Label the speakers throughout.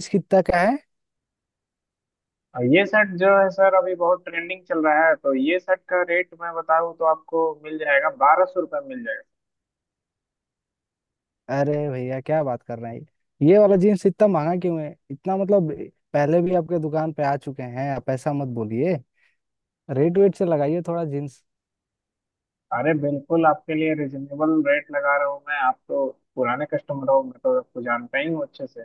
Speaker 1: Jeans कितना का है?
Speaker 2: और ये शर्ट जो है सर, अभी बहुत ट्रेंडिंग चल रहा है। तो ये शर्ट का रेट मैं बताऊँ तो आपको मिल जाएगा, 1,200 रुपये मिल जाएगा।
Speaker 1: अरे भैया क्या बात कर रहे हैं। ये वाला जीन्स इतना महंगा क्यों है, इतना मतलब। पहले भी आपके दुकान पे आ चुके हैं, आप ऐसा मत बोलिए। रेट वेट से लगाइए थोड़ा जीन्स।
Speaker 2: अरे बिल्कुल आपके लिए रिजनेबल रेट लगा रहा हूँ मैं। आप तो पुराने कस्टमर हो, मैं तो आपको जानता ही हूँ अच्छे से।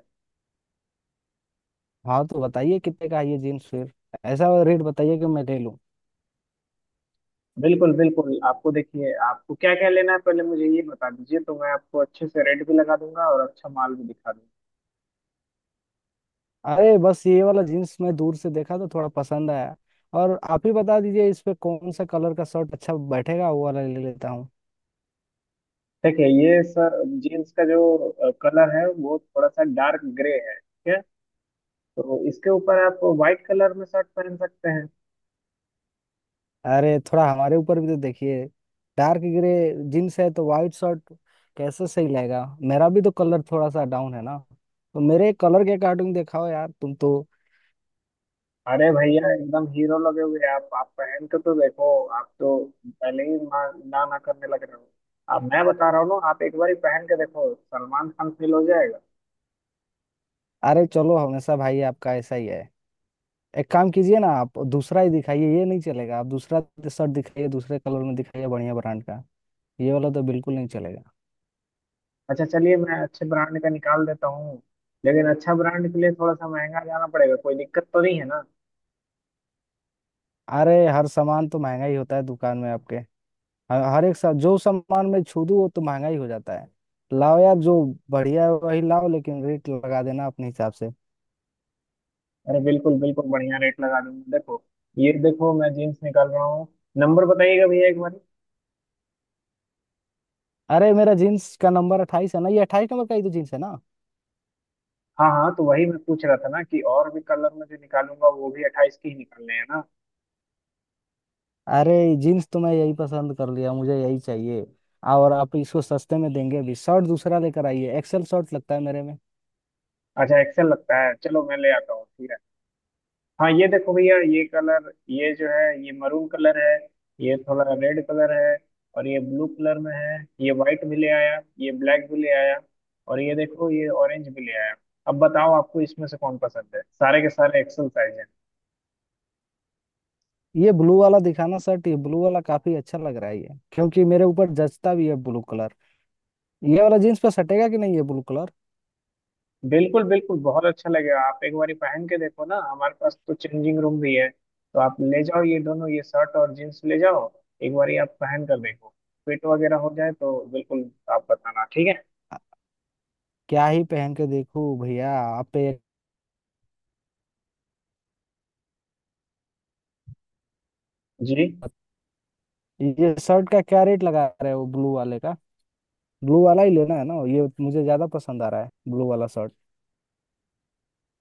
Speaker 1: हाँ, तो बताइए कितने का है ये जीन्स फिर। ऐसा वाला रेट बताइए कि मैं ले लूँ।
Speaker 2: बिल्कुल बिल्कुल, आपको देखिए, आपको क्या क्या लेना है पहले मुझे ये बता दीजिए, तो मैं आपको अच्छे से रेट भी लगा दूंगा और अच्छा माल भी दिखा दूंगा।
Speaker 1: अरे बस ये वाला जीन्स मैं दूर से देखा तो थोड़ा पसंद आया। और आप ही बता दीजिए इस पे कौन सा कलर का शर्ट अच्छा बैठेगा, वो वाला ले लेता हूँ।
Speaker 2: देखिए ये सर जीन्स का जो कलर है वो थोड़ा सा डार्क ग्रे है, ठीक है? तो इसके ऊपर आप व्हाइट कलर में शर्ट पहन सकते हैं।
Speaker 1: अरे थोड़ा हमारे ऊपर भी तो देखिए। डार्क ग्रे जीन्स है तो वाइट शर्ट कैसे सही लगेगा? मेरा भी तो कलर थोड़ा सा डाउन है ना, तो मेरे कलर के अकॉर्डिंग दिखाओ यार तुम तो।
Speaker 2: अरे भैया एकदम हीरो लगे हुए आप पहन के तो देखो। आप तो पहले ही ना ना ना करने लग रहे हो। अब मैं बता रहा हूँ ना, आप एक बार ही पहन के देखो, सलमान खान फील हो जाएगा।
Speaker 1: अरे चलो, हमेशा भाई आपका ऐसा ही है। एक काम कीजिए ना, आप दूसरा ही दिखाइए, ये नहीं चलेगा। आप दूसरा शर्ट दिखाइए, दूसरे कलर में दिखाइए, बढ़िया ब्रांड का। ये वाला तो बिल्कुल नहीं चलेगा।
Speaker 2: अच्छा चलिए, मैं अच्छे ब्रांड का निकाल देता हूँ। लेकिन अच्छा ब्रांड के लिए थोड़ा सा महंगा जाना पड़ेगा, कोई दिक्कत तो नहीं है ना?
Speaker 1: अरे हर सामान तो महंगा ही होता है दुकान में आपके। हर हर एक सब जो सामान में छू दूं वो तो महंगा ही हो जाता है। लाओ यार जो बढ़िया है वही लाओ, लेकिन रेट लगा देना अपने हिसाब से।
Speaker 2: अरे बिल्कुल बिल्कुल, बढ़िया रेट लगा दूंगा, देखो। ये देखो, मैं जीन्स निकाल रहा हूँ। नंबर बताइएगा भैया एक बार।
Speaker 1: अरे मेरा जीन्स का नंबर 28 है ना, ये 28 नंबर का ही तो जीन्स है ना।
Speaker 2: हाँ हाँ, तो वही मैं पूछ रहा था ना कि और भी कलर में जो निकालूंगा वो भी 28 के ही निकालने हैं ना?
Speaker 1: अरे जीन्स तो मैं यही पसंद कर लिया, मुझे यही चाहिए। और आप इसको सस्ते में देंगे। अभी शर्ट दूसरा लेकर आइए, एक्सेल शर्ट लगता है मेरे में।
Speaker 2: अच्छा एक्सेल लगता है, चलो मैं ले आता हूँ, ठीक है। हाँ ये देखो भैया, ये कलर, ये जो है ये मरून कलर है। ये थोड़ा रेड कलर है। और ये ब्लू कलर में है। ये वाइट भी ले आया, ये ब्लैक भी ले आया। और ये देखो ये ऑरेंज भी ले आया। अब बताओ आपको इसमें से कौन पसंद है, सारे के सारे एक्सेल साइज।
Speaker 1: ये ब्लू वाला दिखाना शर्ट, ये ब्लू वाला काफी अच्छा लग रहा है ये, क्योंकि मेरे ऊपर जचता भी है ब्लू कलर। ये वाला जीन्स पे सटेगा कि नहीं ये ब्लू कलर?
Speaker 2: बिल्कुल बिल्कुल, बहुत अच्छा लगेगा, आप एक बार पहन के देखो ना। हमारे पास तो चेंजिंग रूम भी है, तो आप ले जाओ, ये दोनों, ये शर्ट और जीन्स ले जाओ। एक बार आप पहन कर देखो। फिट वगैरह हो जाए तो बिल्कुल आप बताना, ठीक है।
Speaker 1: क्या ही पहन के देखूं भैया आप पे।
Speaker 2: जी।
Speaker 1: ये शर्ट का क्या रेट लगा रहे हो ब्लू वाले का? ब्लू वाला ही लेना है ना, ये मुझे ज्यादा पसंद आ रहा है ब्लू वाला शर्ट।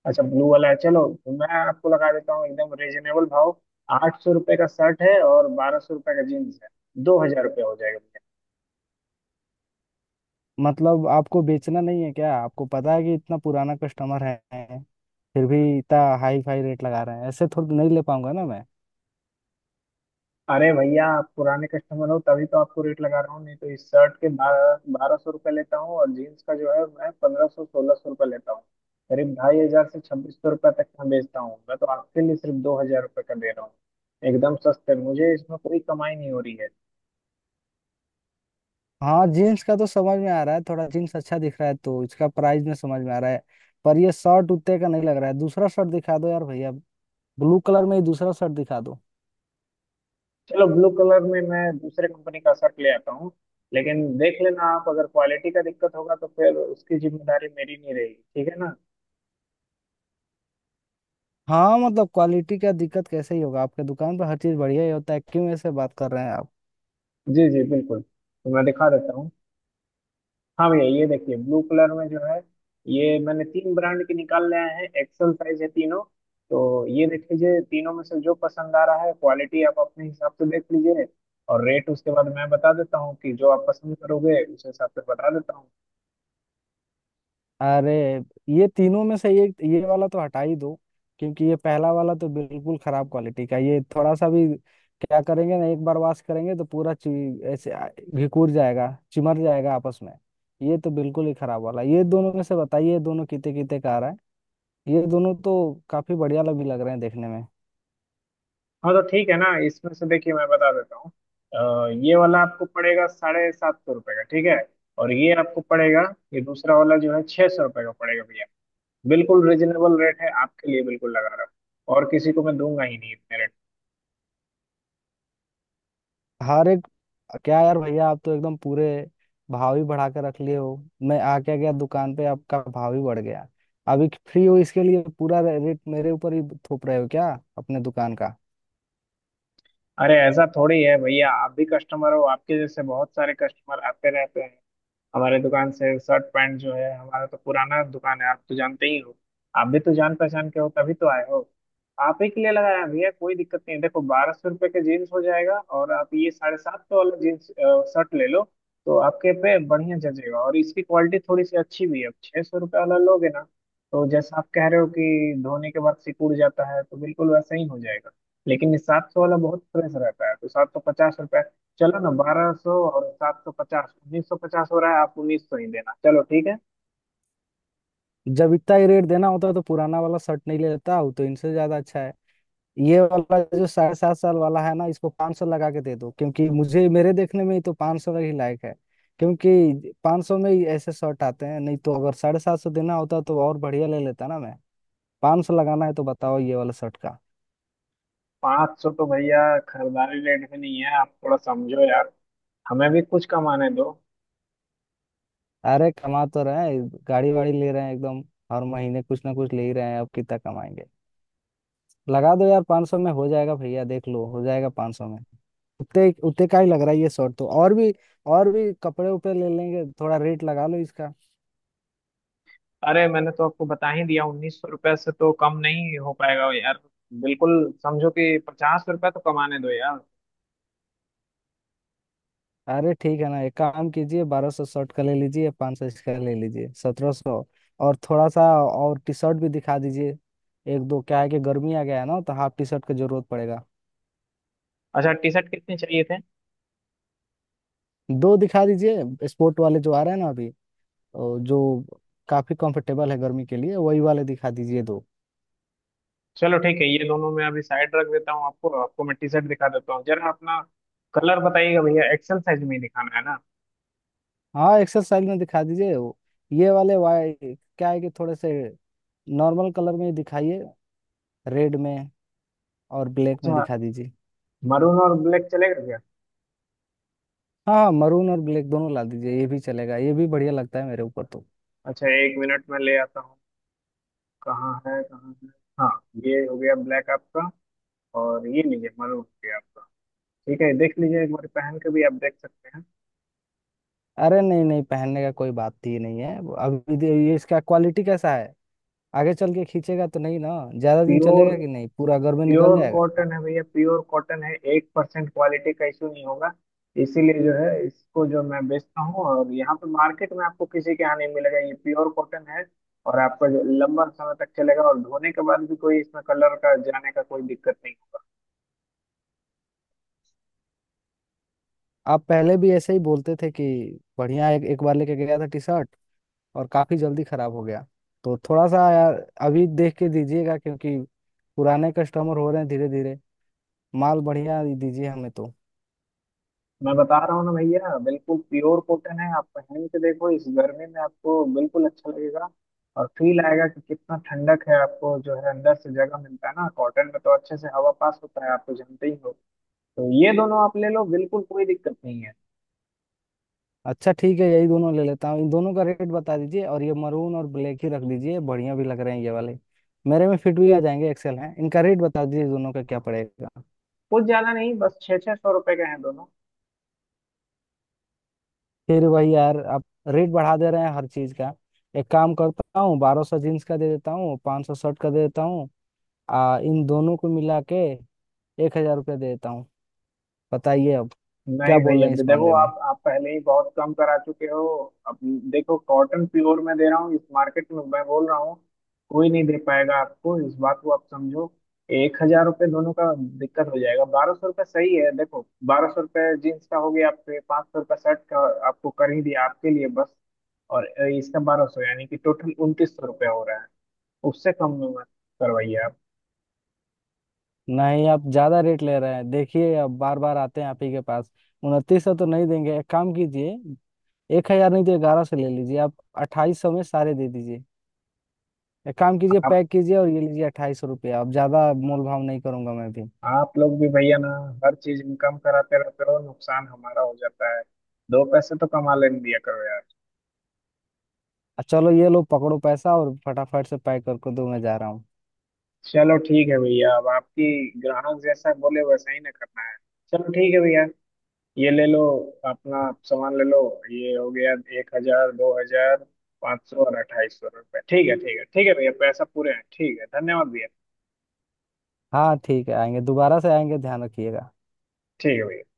Speaker 2: अच्छा ब्लू वाला है, चलो तो मैं आपको लगा देता हूँ एकदम रीजनेबल भाव। 800 रुपये का शर्ट है और 1,200 रुपये का जीन्स है, 2,000 रुपये हो जाएगा।
Speaker 1: मतलब आपको बेचना नहीं है क्या? आपको पता है कि इतना पुराना कस्टमर है, फिर भी इतना हाई फाई रेट लगा रहे हैं। ऐसे थोड़ी नहीं ले पाऊंगा ना मैं।
Speaker 2: अरे भैया, आप पुराने कस्टमर हो तभी तो आपको रेट लगा रहा हूँ, नहीं तो इस शर्ट के बारह बारह सौ रुपये लेता हूँ और जीन्स का जो है मैं 1,500, 1,600 रुपये लेता हूँ। करीब 2,500 से 2,600 रुपये तक मैं बेचता हूँ, मैं तो आपके लिए सिर्फ 2,000 रुपये का दे रहा हूँ एकदम सस्ते। मुझे इसमें कोई कमाई नहीं हो रही है।
Speaker 1: हाँ, जीन्स का तो समझ में आ रहा है, थोड़ा जीन्स अच्छा दिख रहा है तो इसका प्राइस में समझ में आ रहा है। पर ये शर्ट उतने का नहीं लग रहा है। दूसरा शर्ट दिखा दो यार भैया, ब्लू कलर में ही दूसरा शर्ट दिखा दो।
Speaker 2: चलो, ब्लू कलर में मैं दूसरे कंपनी का शर्ट ले आता हूँ। लेकिन देख लेना आप, अगर क्वालिटी का दिक्कत होगा तो फिर उसकी जिम्मेदारी मेरी नहीं रहेगी, ठीक है ना?
Speaker 1: हाँ, मतलब क्वालिटी का दिक्कत कैसे ही होगा आपके दुकान पर? हर चीज बढ़िया ही होता है, क्यों ऐसे बात कर रहे हैं आप।
Speaker 2: जी जी बिल्कुल, तो मैं दिखा देता हूँ। हाँ भैया ये देखिए, ब्लू कलर में जो है, ये मैंने तीन ब्रांड के निकाल लाए हैं, एक्सेल साइज है तीनों। तो ये देख लीजिए, तीनों में से जो पसंद आ रहा है, क्वालिटी आप अपने हिसाब से देख लीजिए, और रेट उसके बाद मैं बता देता हूँ कि जो आप पसंद करोगे उस हिसाब से बता देता हूँ।
Speaker 1: अरे ये तीनों में से एक ये वाला तो हटा ही दो, क्योंकि ये पहला वाला तो बिल्कुल खराब क्वालिटी का। ये थोड़ा सा भी क्या करेंगे ना, एक बार वॉश करेंगे तो पूरा घिकुर जाएगा, चिमर जाएगा आपस में। ये तो बिल्कुल ही खराब वाला। ये दोनों में से बताइए ये दोनों कितने कितने का आ रहा है। ये दोनों तो काफी बढ़िया लग भी लग रहे हैं देखने में।
Speaker 2: हाँ तो ठीक है ना, इसमें से देखिए मैं बता देता हूँ। ये वाला आपको पड़ेगा 750 रुपये का, ठीक है। और ये आपको पड़ेगा, ये दूसरा वाला जो है, 600 रुपये का पड़ेगा भैया। बिल्कुल रिजनेबल रेट है आपके लिए, बिल्कुल लगा रहा हूँ। और किसी को मैं दूंगा ही नहीं इतने।
Speaker 1: हर एक, क्या यार भैया, आप तो एकदम पूरे भाव ही बढ़ा कर रख लिए हो। मैं आ क्या गया दुकान पे, आपका भाव ही बढ़ गया। अभी फ्री हो इसके लिए, पूरा रेट मेरे ऊपर ही थोप रहे हो क्या अपने दुकान का।
Speaker 2: अरे ऐसा थोड़ी है भैया, आप भी कस्टमर हो, आपके जैसे बहुत सारे कस्टमर आते रहते हैं। हमारे दुकान से शर्ट पैंट जो है, हमारा तो पुराना दुकान है, आप तो जानते ही हो। आप भी तो जान पहचान के हो तभी तो आए हो। आप ही के लिए लगाया हैं भैया, कोई दिक्कत नहीं है। देखो, 1,200 रुपये का जीन्स हो जाएगा और आप ये 750 वाला जीन्स शर्ट ले लो, तो आपके पे बढ़िया जचेगा और इसकी क्वालिटी थोड़ी सी अच्छी भी है। अब 600 रुपये वाला लोगे ना, तो जैसा आप कह रहे हो कि धोने के बाद सिकुड़ जाता है तो बिल्कुल वैसा ही हो जाएगा। लेकिन ये 700 वाला बहुत फ्रेश रहता है, तो 750 रुपये। चलो ना, 1,200 और 750 1,950 हो रहा है, आप 1,900 ही देना, चलो ठीक है।
Speaker 1: जब इतना ही रेट देना होता तो पुराना वाला शर्ट नहीं ले लेता हूँ, तो इनसे ज्यादा अच्छा है। ये वाला जो साढ़े सात साल वाला है ना, इसको 500 लगा के दे दो, क्योंकि मुझे मेरे देखने में ही तो 500 ही लायक है। क्योंकि 500 में ही ऐसे शर्ट आते हैं। नहीं तो अगर 750 देना होता तो और बढ़िया ले लेता ना मैं। पाँच सौ लगाना है तो बताओ ये वाला शर्ट का।
Speaker 2: 500 तो भैया खरीदारी रेट में नहीं है, आप थोड़ा समझो यार, हमें भी कुछ कमाने दो।
Speaker 1: अरे कमा तो रहे हैं, गाड़ी वाड़ी ले रहे हैं एकदम, हर महीने कुछ ना कुछ ले ही रहे हैं, अब कितना कमाएंगे। लगा दो यार, 500 में हो जाएगा भैया, देख लो हो जाएगा 500 में। उतने उतने का ही लग रहा है ये शर्ट तो। और भी कपड़े उपड़े ले लेंगे, थोड़ा रेट लगा लो इसका।
Speaker 2: अरे मैंने तो आपको बता ही दिया, 1,900 रुपये से तो कम नहीं हो पाएगा यार। बिल्कुल समझो कि 50 रुपये तो कमाने दो यार।
Speaker 1: अरे ठीक है ना, एक काम कीजिए, 1200 शर्ट का ले लीजिए, 500 इसका ले लीजिए, 1700। और थोड़ा सा और टी शर्ट भी दिखा दीजिए एक दो। क्या है कि गर्मी आ गया है ना, तो हाफ टी शर्ट की जरूरत पड़ेगा।
Speaker 2: अच्छा, टी शर्ट कितने चाहिए थे?
Speaker 1: दो दिखा दीजिए, स्पोर्ट वाले जो आ रहे हैं ना अभी। और जो काफी कंफर्टेबल है गर्मी के लिए, वही वाले दिखा दीजिए दो।
Speaker 2: चलो ठीक है, ये दोनों मैं अभी साइड रख देता हूँ, आपको आपको मैं टी शर्ट दिखा देता हूँ जरा। अपना कलर बताइएगा भैया, एक्सेल साइज में ही दिखाना है ना?
Speaker 1: हाँ, एक्सरसाइज में दिखा दीजिए ये वाले वाई। क्या है कि थोड़े से नॉर्मल कलर में ही दिखाइए, रेड में और ब्लैक में
Speaker 2: अच्छा,
Speaker 1: दिखा दीजिए।
Speaker 2: मरून और ब्लैक चलेगा क्या?
Speaker 1: हाँ हाँ, मरून और ब्लैक दोनों ला दीजिए, ये भी चलेगा, ये भी बढ़िया लगता है मेरे ऊपर तो।
Speaker 2: अच्छा 1 मिनट में ले आता हूँ। कहाँ है, कहाँ है? हाँ, ये हो गया ब्लैक आपका। और ये लीजिए, मरून हो गया आपका। ठीक है, देख लीजिए, एक बार पहन के भी आप देख सकते हैं।
Speaker 1: अरे नहीं नहीं, पहनने का कोई बात ही नहीं है। ये इसका क्वालिटी कैसा है? आगे चल के खींचेगा तो नहीं ना? ज्यादा दिन
Speaker 2: प्योर,
Speaker 1: चलेगा कि नहीं, पूरा घर में निकल
Speaker 2: प्योर
Speaker 1: जाएगा?
Speaker 2: कॉटन है भैया, प्योर कॉटन है, 1% क्वालिटी का इशू नहीं होगा। इसीलिए जो है इसको जो मैं बेचता हूँ, और यहाँ पे मार्केट में आपको किसी के यहाँ नहीं मिलेगा, ये प्योर कॉटन है। और आपका जो लंबा समय तक चलेगा, और धोने के बाद भी कोई इसमें कलर का जाने का कोई दिक्कत नहीं।
Speaker 1: आप पहले भी ऐसे ही बोलते थे कि बढ़िया। एक बार लेके गया था टी शर्ट और काफी जल्दी खराब हो गया। तो थोड़ा सा यार अभी देख के दीजिएगा, क्योंकि पुराने कस्टमर हो रहे हैं धीरे धीरे। माल बढ़िया ही दीजिए हमें तो।
Speaker 2: मैं बता रहा हूँ ना भैया, बिल्कुल प्योर कॉटन है, आप पहन के देखो, इस गर्मी में आपको बिल्कुल अच्छा लगेगा। और फील आएगा कि कितना ठंडक है, आपको जो है अंदर से जगह मिलता है ना, कॉटन में तो अच्छे से हवा पास होता है, आप तो जानते ही हो। तो ये दोनों आप ले लो, बिल्कुल कोई दिक्कत नहीं है।
Speaker 1: अच्छा ठीक है, यही दोनों ले लेता हूँ, इन दोनों का रेट बता दीजिए। और ये मरून और ब्लैक ही रख दीजिए, बढ़िया भी लग रहे हैं ये वाले, मेरे में फिट भी आ जाएंगे, एक्सेल हैं। इनका रेट बता दीजिए, दोनों का क्या पड़ेगा।
Speaker 2: कुछ ज्यादा नहीं, बस 600-600 रुपए के हैं दोनों।
Speaker 1: फिर वही यार आप, रेट बढ़ा दे रहे हैं हर चीज का। एक काम करता हूँ, 1200 जीन्स का दे देता हूँ, 500 शर्ट का दे देता हूँ। इन दोनों को मिला के 1000 रुपया देता हूँ, बताइए अब।
Speaker 2: नहीं
Speaker 1: क्या बोल
Speaker 2: भाई,
Speaker 1: रहे हैं
Speaker 2: अभी
Speaker 1: इस
Speaker 2: देखो,
Speaker 1: मामले में?
Speaker 2: आप पहले ही बहुत कम करा चुके हो। अब देखो, कॉटन प्योर में दे रहा हूँ, इस मार्केट में मैं बोल रहा हूँ कोई नहीं दे पाएगा आपको, इस बात को आप समझो। 1,000 रुपये दोनों का दिक्कत हो जाएगा, 1,200 रुपये सही है, देखो। बारह सौ रुपये जीन्स का हो गया आपके, 500 रुपये शर्ट का आपको कर ही दिया आपके लिए, बस। और इसका बारह सौ, यानी कि टोटल 2,900 रुपये हो रहा है, उससे कम में मत करवाइए
Speaker 1: नहीं, आप ज्यादा रेट ले रहे हैं, देखिए अब बार बार आते हैं आप ही के पास। 2900 तो नहीं देंगे। एक काम कीजिए, 1000 नहीं तो 1100 ले लीजिए आप, 2800 में सारे दे दीजिए। एक काम कीजिए,
Speaker 2: आप
Speaker 1: पैक कीजिए और ये लीजिए 2800 रुपया। अब ज्यादा मोल भाव नहीं करूंगा मैं भी।
Speaker 2: आप लोग भी भैया ना, हर चीज इनकम कराते रहते हो, नुकसान हमारा हो जाता है। दो पैसे तो कमा लेने दिया करो यार।
Speaker 1: चलो ये लो पकड़ो पैसा और फटाफट से पैक करके दो, मैं जा रहा हूँ।
Speaker 2: चलो ठीक है भैया, अब आपकी, ग्राहक जैसा बोले वैसा ही ना करना है। चलो ठीक है भैया, ये ले लो, अपना सामान ले लो। ये हो गया, 1,000, 2,000, 500 और 2,800 रुपये। ठीक है ठीक है ठीक है भैया, पैसा पूरे हैं, ठीक है, धन्यवाद भैया।
Speaker 1: हाँ ठीक है, आएंगे दोबारा से, आएंगे, ध्यान रखिएगा।
Speaker 2: ठीक है भैया।